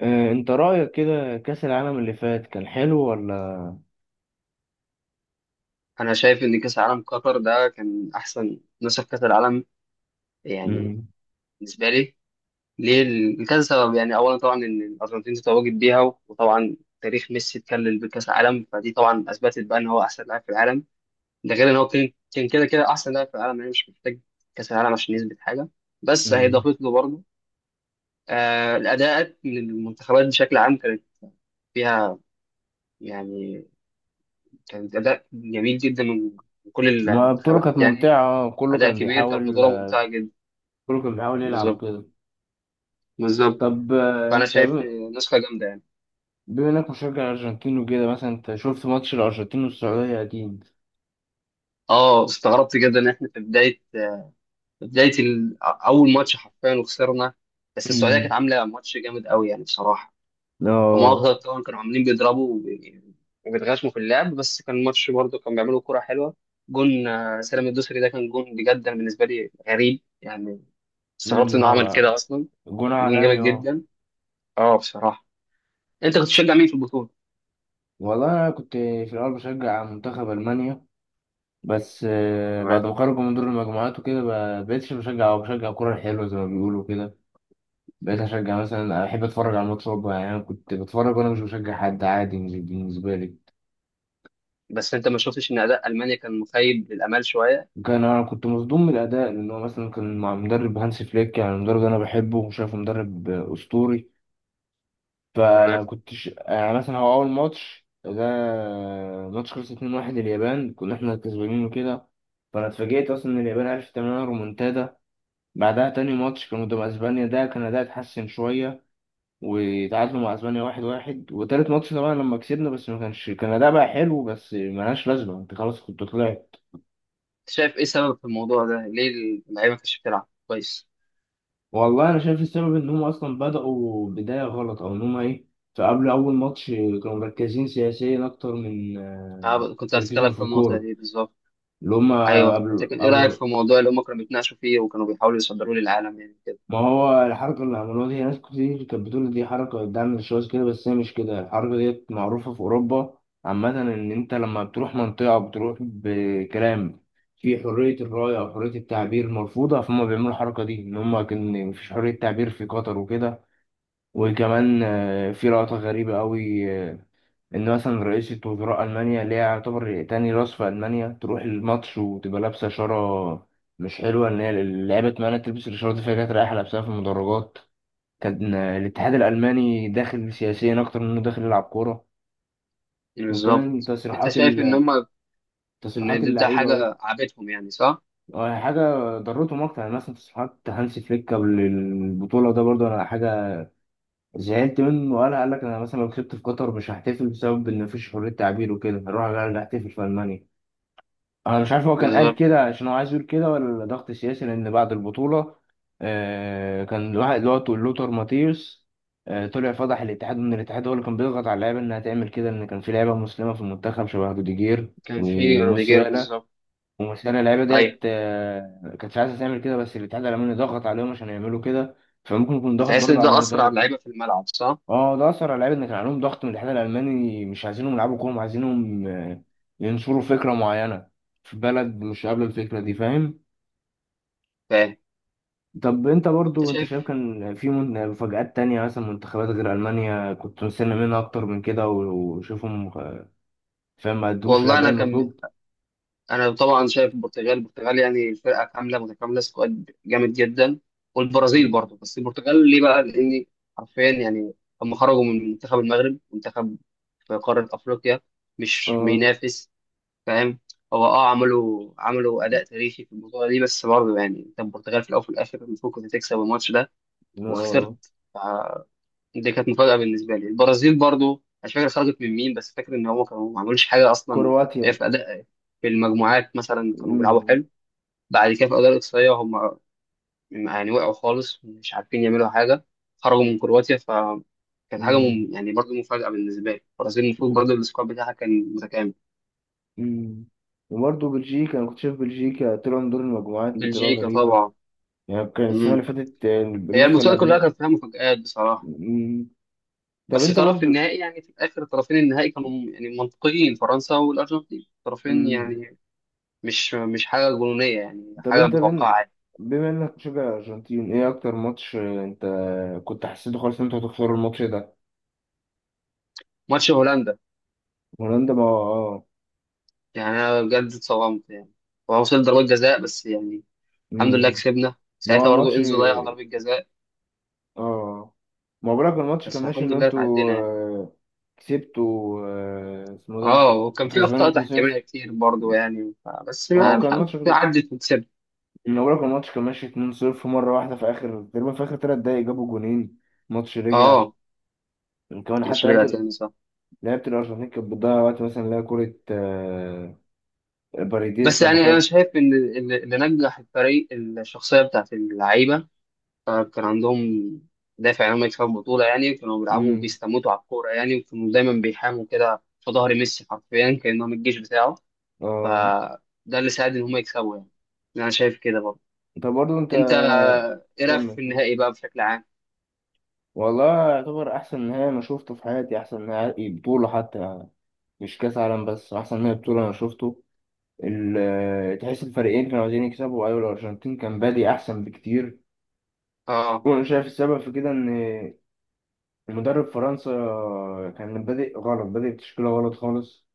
آه، انت رأيك كده كأس العالم اللي فات كان حلو ولا؟ انا شايف ان كاس العالم قطر ده كان احسن نسخ كاس العالم، يعني مم. بالنسبه لي. ليه؟ لكذا سبب. يعني اولا طبعا ان الارجنتين تتواجد بيها، وطبعا تاريخ ميسي اتكلل بكاس العالم، فدي طبعا اثبتت بقى ان هو احسن لاعب في العالم. ده غير ان هو كان كده كده احسن لاعب في العالم، يعني مش محتاج كاس العالم عشان يثبت حاجه، بس هي مم. ضافت له برضه. الاداءات من المنتخبات بشكل عام كانت فيها، يعني كانت اداء جميل جدا من كل ما البطولة كانت المنتخبات، يعني ممتعة، كله اداء كان كبير. كانت بيحاول. بطوله ممتعه جدا. كله كان بيحاول يلعب بالظبط، وكده. بالظبط. طب فانا انت شايف نسخه جامده يعني. بما انك مشجع ارجنتين وكده، مثلا انت شفت ماتش الارجنتين والسعودية اكيد؟ اه، استغربت جدا ان احنا في بدايه، اول ماتش حرفيا وخسرنا. بس السعوديه كانت مم. عامله ماتش جامد قوي يعني بصراحه. هم اه. اكتر طبعا كانوا عاملين بيضربوا وبيتغشموا في اللعب، بس كان الماتش برضه كان بيعملوا كرة حلوه. جون، سالم الدوسري ده كان جون بجد. أنا بالنسبه لي غريب يعني، استغربت مم، انه عمل اه. كده اصلا. جون جون جامد عالمي، اه. جدا، اه بصراحه. انت كنت تشجع مين في البطوله؟ والله انا كنت في الاول بشجع منتخب المانيا. بس بعد تمام. ما خرجوا من دور المجموعات وكده، ما بقتش بشجع، او بشجع كرة حلوة زي ما بيقولوا كده. بقيت اشجع مثلا، احب اتفرج على الماتش برضه، يعني انا كنت بتفرج وانا مش بشجع حد، عادي بالنسبه لي. بس انت ما شفتش ان اداء المانيا كان مخيب للامال شويه؟ وكان انا كنت مصدوم من الاداء، لان هو مثلا كان مع مدرب هانس فليك، يعني مدرب انا بحبه وشايفه مدرب اسطوري. تمام. فانا كنتش يعني، مثلا هو اول ماتش ده ماتش خلص 2-1. اليابان كنا احنا كسبانين وكده، فانا اتفاجئت اصلا ان اليابان عرفت تعمل لنا رومونتادا. بعدها تاني ماتش كان قدام اسبانيا، ده كان اداء اتحسن شويه وتعادلوا مع اسبانيا 1-1. وتالت ماتش طبعا لما كسبنا، بس ما كانش، كان اداء بقى حلو، بس ملهاش لازمه، انت خلاص كنت طلعت. شايف ايه سبب في الموضوع ده، ليه اللعيبه ما كانتش بتلعب كويس؟ والله انا شايف السبب ان هم اصلا بداوا بدايه غلط او ان هم ايه. فقبل اول ماتش كانوا مركزين سياسيا اكتر من أنا كنت هتكلم تركيزهم في في النقطه الكوره، دي بالظبط. اللي هم. ايوه، قبل لكن ايه رايك قبل في الموضوع اللي هم كانوا بيتناقشوا فيه وكانوا بيحاولوا يصدروه للعالم يعني كده؟ ما هو الحركة اللي عملوها دي، ناس كتير كانت بتقول دي حركة بتدعم الشواذ كده، بس هي مش كده، الحركة ديت معروفة في أوروبا عامة، إن أنت لما بتروح منطقة بتروح بكلام في حرية الرأي أو حرية التعبير مرفوضة، فهم بيعملوا الحركة دي إن هم كان مفيش حرية تعبير في قطر وكده. وكمان في لقطة غريبة أوي، ان مثلا رئيسة وزراء المانيا اللي هي يعتبر تاني راس في المانيا تروح الماتش وتبقى لابسه شاره مش حلوه، ان هي اللعيبه مانع تلبس الشاره دي، فهي كانت رايحه لابسها في المدرجات. كان الاتحاد الالماني داخل سياسيا اكتر منه داخل يلعب كوره. وكمان بالظبط. انت تصريحات شايف ان هم، ان تصريحات ده اللعيبه حاجه عابتهم يعني، صح؟ حاجه ضرتهم اكتر، يعني مثلا تصريحات هانسي فليك قبل البطوله ده برضه، انا حاجه زعلت منه وقالها، قال لك انا مثلا لو كسبت في قطر مش هحتفل بسبب ان مفيش حريه تعبير وكده، هروح احتفل في المانيا. انا مش عارف هو كان قال بالظبط. كده عشان هو عايز يقول كده ولا ضغط سياسي، لان بعد البطوله كان الواحد اللي هو لوتر ماتيوس طلع فضح الاتحاد، ان الاتحاد هو اللي كان بيضغط على اللعيبه انها تعمل كده، ان كان في لعيبه مسلمه في المنتخب شبه روديجير كان في روديجير، وموسيالا بالظبط. وموسيالا اللعيبه ايوه. ديت كانتش عايزه تعمل كده، بس الاتحاد الالماني ضغط عليهم عشان يعملوا كده. فممكن يكون انت ضغط حاسس ان برضه على ده اثر على المدرب. اللعيبه في الملعب، صح؟ اه ده اثر على اللعيبه، ان كان عليهم ضغط من الاتحاد الالماني، مش عايزينهم يلعبوا كوره، عايزينهم ينشروا فكره معينه في بلد مش قابله الفكره دي، فاهم. فاهم. طب انت انت برضو، انت شايف شايف. كان في مفاجآت تانية، مثلا منتخبات غير المانيا كنت مستني منها اكتر من كده وشوفهم، فاهم ما ادوش والله الاداء انا كان المطلوب. انا طبعا شايف البرتغال، البرتغال يعني الفرقه كامله متكامله، سكواد جامد جدا. والبرازيل برضه. بس البرتغال ليه بقى؟ لان حرفيا يعني هم خرجوا من منتخب المغرب، منتخب في قاره افريقيا مش اه. بينافس. فاهم. هو عملوا اداء تاريخي في البطوله دي. بس برضه يعني انت البرتغال في الاول وفي الاخر المفروض كنت تكسب الماتش ده، وخسرت. آه، دي كانت مفاجأة بالنسبة لي. البرازيل برضو مش فاكر خرجت من مين، بس فاكر ان هم كانوا ما عملوش حاجة اصلا. هي كرواتيا. في اداء في المجموعات مثلا كانوا بيلعبوا مم، حلو. بعد كده في الاداء الاقصائية هم يعني وقعوا خالص، مش عارفين يعملوا حاجة، خرجوا من كرواتيا. فكانت حاجة مم، يعني، برضو مفاجأة بالنسبة لي. البرازيل المفروض برضو السكواد بتاعها كان متكامل. مم. وبرضه بلجيكا انا كنت شايف بلجيكا طلعوا من دور المجموعات بطريقه بلجيكا غريبه. طبعا. يعني كان السنة اللي مم. فاتت هي النسخة اللي المسابقة كلها قبلها. كانت فيها مفاجآت بصراحة. مم. طب بس انت طرف برضو. النهائي يعني، في الاخر طرفين النهائي كانوا يعني منطقيين، فرنسا والارجنتين طرفين مم. يعني مش حاجة جنونية، يعني طب حاجة انت بين، متوقعة عادي. بما انك مشجع الارجنتين، ايه اكتر ماتش انت كنت حسيته خالص ان انتوا هتخسروا الماتش ده؟ ماتش هولندا، هولندا، ما اه. يعني أنا بجد اتصدمت يعني. هو وصل ضربات جزاء بس يعني، الحمد لله مم. كسبنا ما هو ساعتها. برضه الماتش، إنزو ضيع ضربة جزاء، اه. ما هو بالك الماتش كان بس ماشي ان الحمد لله انتوا اتعدينا يعني. كسبتوا اسمه ده، اه. وكان كنت في كسبان أخطاء تحكيمية 2-0. كتير برضه يعني، بس ما اه كان الحمد الماتش لله كده، عدت وكسبت. ما بالك الماتش كان ماشي 2-0 مرة واحدة في اخر تقريبا، في اخر 3 دقايق جابوا جونين، الماتش رجع. اه، كمان حتى مش رجع لعبة تاني، صح. لعبة الأرجنتين كانت بتضيع وقت، مثلا اللي هي كورة باريديس بس لما يعني أنا شاط. شايف إن اللي نجح الفريق الشخصية بتاعت اللعيبة. فكان عندهم دافع إنهم يكسبوا البطولة يعني، كانوا بيلعبوا مم. وبيستموتوا على الكورة يعني، وكانوا دايما بيحاموا كده في ظهر ميسي، حرفيا كأنهم الجيش بتاعه. اه. فده اللي ساعد إن هم يكسبوا يعني. أنا شايف كده برضه. طب برضه أنت أنت، إيه رأيك كمل. في النهائي بقى بشكل عام؟ والله يعتبر أحسن نهائي أنا شفته في حياتي، أحسن نهائي بطولة حتى، يعني مش كأس عالم بس، أحسن نهائي بطولة أنا شفته. تحس الفريقين كانوا عايزين يكسبوا، أيوة الأرجنتين كان بادي أحسن بكتير. اه، وأنا شايف السبب في كده إن مدرب فرنسا كان بادئ غلط، بادئ بتشكيلة غلط خالص.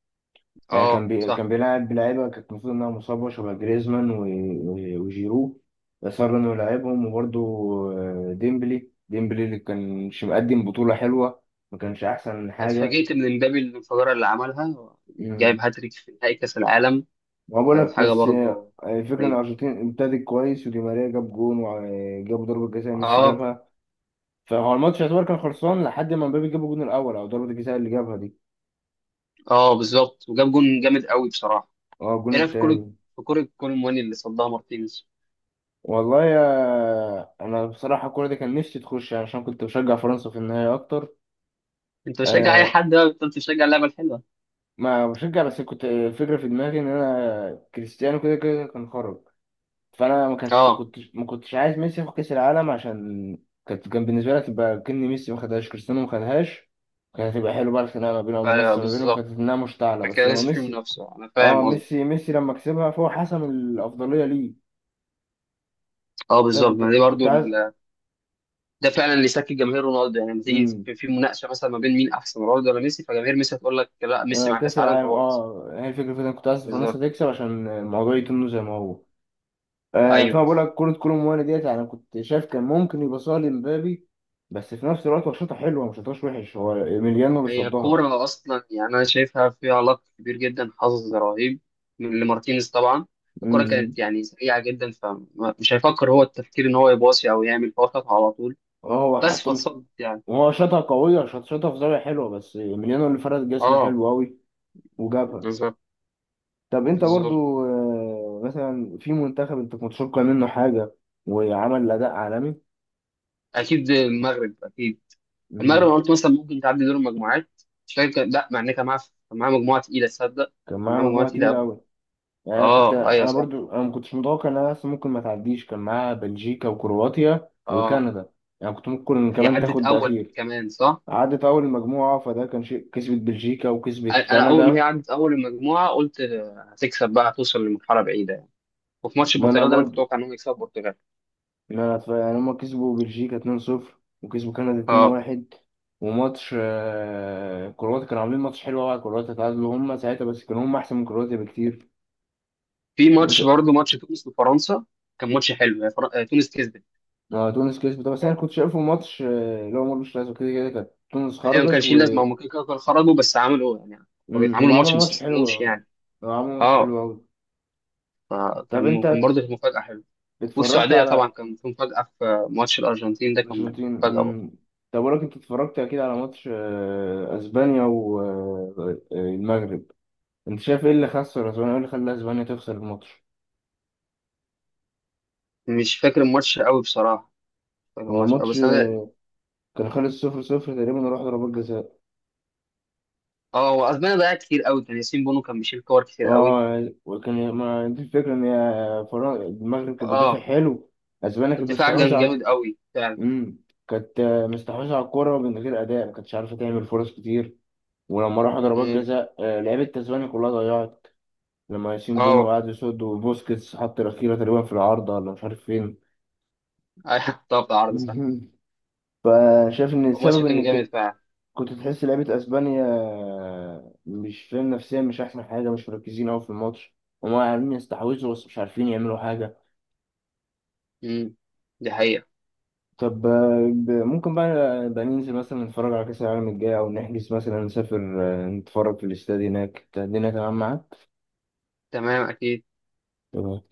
يعني كان اه، صح. كان بيلعب لعيبه كانت المفروض انها مصابه شبه جريزمان وجيرو اصر انه يلعبهم وبرده. ديمبلي اللي كانش مقدم بطوله حلوه، ما كانش احسن حاجه. اتفاجئت من امبابي الانفجارة اللي عملها. مم. جايب هاتريك في نهائي كأس العالم، ما كانت بقولك حاجة بس برضه الفكره ان غريبة. الارجنتين ابتدت كويس، ودي ماريا جاب جون وجابوا ضربه جزاء ميسي اه. جابها. فهو الماتش يعتبر كان خلصان لحد ما مبابي جاب الجون الاول، او ضربه الجزاء اللي جابها دي. اه، بالظبط. وجاب جون جامد قوي بصراحة. اه الجون ايه رأيك في كرة التاني. في كرة كولر مواني اللي صدها مارتينيز؟ والله يا، انا بصراحه الكوره دي كان نفسي تخش، يعني عشان كنت بشجع فرنسا في النهايه اكتر. انت بتشجع اي أه حد بقى، انت بتشجع اللعبه الحلوه. ما بشجع، بس كنت الفكره في دماغي ان انا كريستيانو كده كده كان خرج. فانا ما كانش اه، كنت ما كنتش عايز ميسي ياخد كاس العالم عشان كانت، كان بالنسبه لي تبقى كأن ميسي ما خدهاش كريستيانو ما خدهاش. كانت هتبقى حلوه بقى، الخناقه ما بينهم ايوه، والمنافسه ما بينهم بالظبط. كانت انها مشتعله، بس فكده لما لسه في ميسي، منافسه، انا اه، فاهم قصدي. ميسي لما كسبها فهو حسم الافضليه ليه. اه، بالظبط. ما فكنت دي كنت برضو عايز. ال... ده فعلا اللي يسكت جماهير رونالدو، يعني لما تيجي مم. في مناقشه مثلا ما بين مين احسن، رونالدو ولا ميسي، فجماهير ميسي هتقول لك لا، ميسي مع كأس كاس عالم العالم، فهو احسن. اه هي الفكرة في إن أنا كنت عايز فرنسا بالظبط، تكسب عشان الموضوع يتم زي ما هو. فانا ايوه. بقول لك، كرة كولومواني ديت يعني كنت شايف كان ممكن يبصها لمبابي. بس في نفس الوقت هو شاطها حلوة، مش شاطهاش وحش، هو إيميليانو اللي هي صدها. كوره اصلا، يعني انا شايفها فيها علاقه كبير جدا، حظ رهيب من لمارتينيز طبعا. الكوره أمم. كانت يعني سريعه جدا، فمش هيفكر هو التفكير ان هو يباصي او يعمل، هو خطها على طول اه هو بس حتى مش، فاتصدت يعني. هو شاطها قوية، شاطها في زاوية حلوة، بس إيميليانو اللي فرد جسمه اه، حلو أوي وجابها. بالظبط، طب أنت بالظبط. برضو، مثلا في منتخب أنت كنت متوقع منه حاجة وعمل أداء عالمي. اكيد المغرب، اكيد. المغرب أمم. انا قلت مثلا ممكن تعدي دور المجموعات. مش فاكر لا، مع ان كان معاها مجموعه تقيله، تصدق. كان كان معاه معاها مجموعه مجموعة تقيله تقيلة قوي. أوي. يعني انا كنت، اه، ايوه، انا صح. برضو انا ما كنتش متوقع انها اصلا ممكن ما تعديش، كان معاها بلجيكا وكرواتيا اه، وكندا. يعني كنت ممكن هي كمان عدت تاخد ده اول اخير. كمان، صح. عدت اول مجموعه فده كان شيء، كسبت بلجيكا وكسبت انا اول ما هي كندا. عدت اول المجموعه قلت هتكسب بقى، هتوصل لمرحله بعيده يعني. وفي ماتش ما انا البرتغال ده انا كنت برضو، متوقع انهم يكسبوا البرتغال. ما انا يعني هما كسبوا بلجيكا 2-0 وكسبوا كندا اه، 2-1. وماتش كرواتيا كانوا عاملين ماتش حلو قوي، كرواتيا تعادلوا هما ساعتها، بس كانوا هما احسن من كرواتيا بكتير. في ماتش وس- برضه، ماتش تونس وفرنسا كان ماتش حلو. هي فر... آه، تونس كسبت. تونس كسبت، بس آه، انا كنت شايفه ماتش اللي هو ملوش لازمه، كده كده كانت تونس هي ما خرجت. كانش ليه لازمه، هم كده كده كانوا خرجوا بس عملوا يعني، هم عملوا ماتش عملوا ما ماتش حلو. استسلموش يعني. هم عملوا ماتش اه. حلو أوي. طب فكان أنت برضه كانت مفاجأة حلوة. اتفرجت والسعودية على طبعا كان في مفاجأة في ماتش الأرجنتين ده، كان أرجنتين. مفاجأة برضه. طب أقولك، أنت اتفرجت أكيد على ماتش أسبانيا والمغرب. أنت شايف إيه اللي خسر أسبانيا، إيه اللي خلى أسبانيا تخسر الماتش؟ مش فاكر الماتش قوي بصراحة. مش فاكر هو الماتش قوي، الماتش بس أنا. كان خلص 0-0 تقريبا، وراح ضربات جزاء. اه، هو أسبانيا ضيعت كتير قوي، كان ياسين بونو كان بيشيل كور كتير قوي. اه وكان ما دي الفكرة ان هي المغرب كانت بتدافع اه، حلو. اسبانيا كانت الدفاع مستحوذة كان على، جامد قوي فعلا. امم كانت مستحوذة على الكورة من غير اداء، ما كانتش عارفة تعمل فرص كتير. ولما راحوا ضربات امم. جزاء لعيبة تسبانيا كلها ضيعت. لما ياسين بونو اه، قعد يصد، وبوسكيتس حط الأخيرة تقريبا في العارضة، ولا مش عارف فين. ايوه طبعا عرض، صح. فشايف إن الماتش السبب كان إن جامد فعلا. كنت تحس لعيبة أسبانيا مش فاهم نفسيا، مش أحسن حاجة، مش مركزين أوي في الماتش. هما عارفين يستحوذوا، بس مش عارفين يعملوا حاجة. امم دي حقيقة. طب ممكن بقى ننزل مثلا نتفرج على كأس العالم الجاي، أو نحجز مثلا نسافر نتفرج في الاستاد هناك، الدنيا تمام معاك؟ تمام، أكيد. تمام.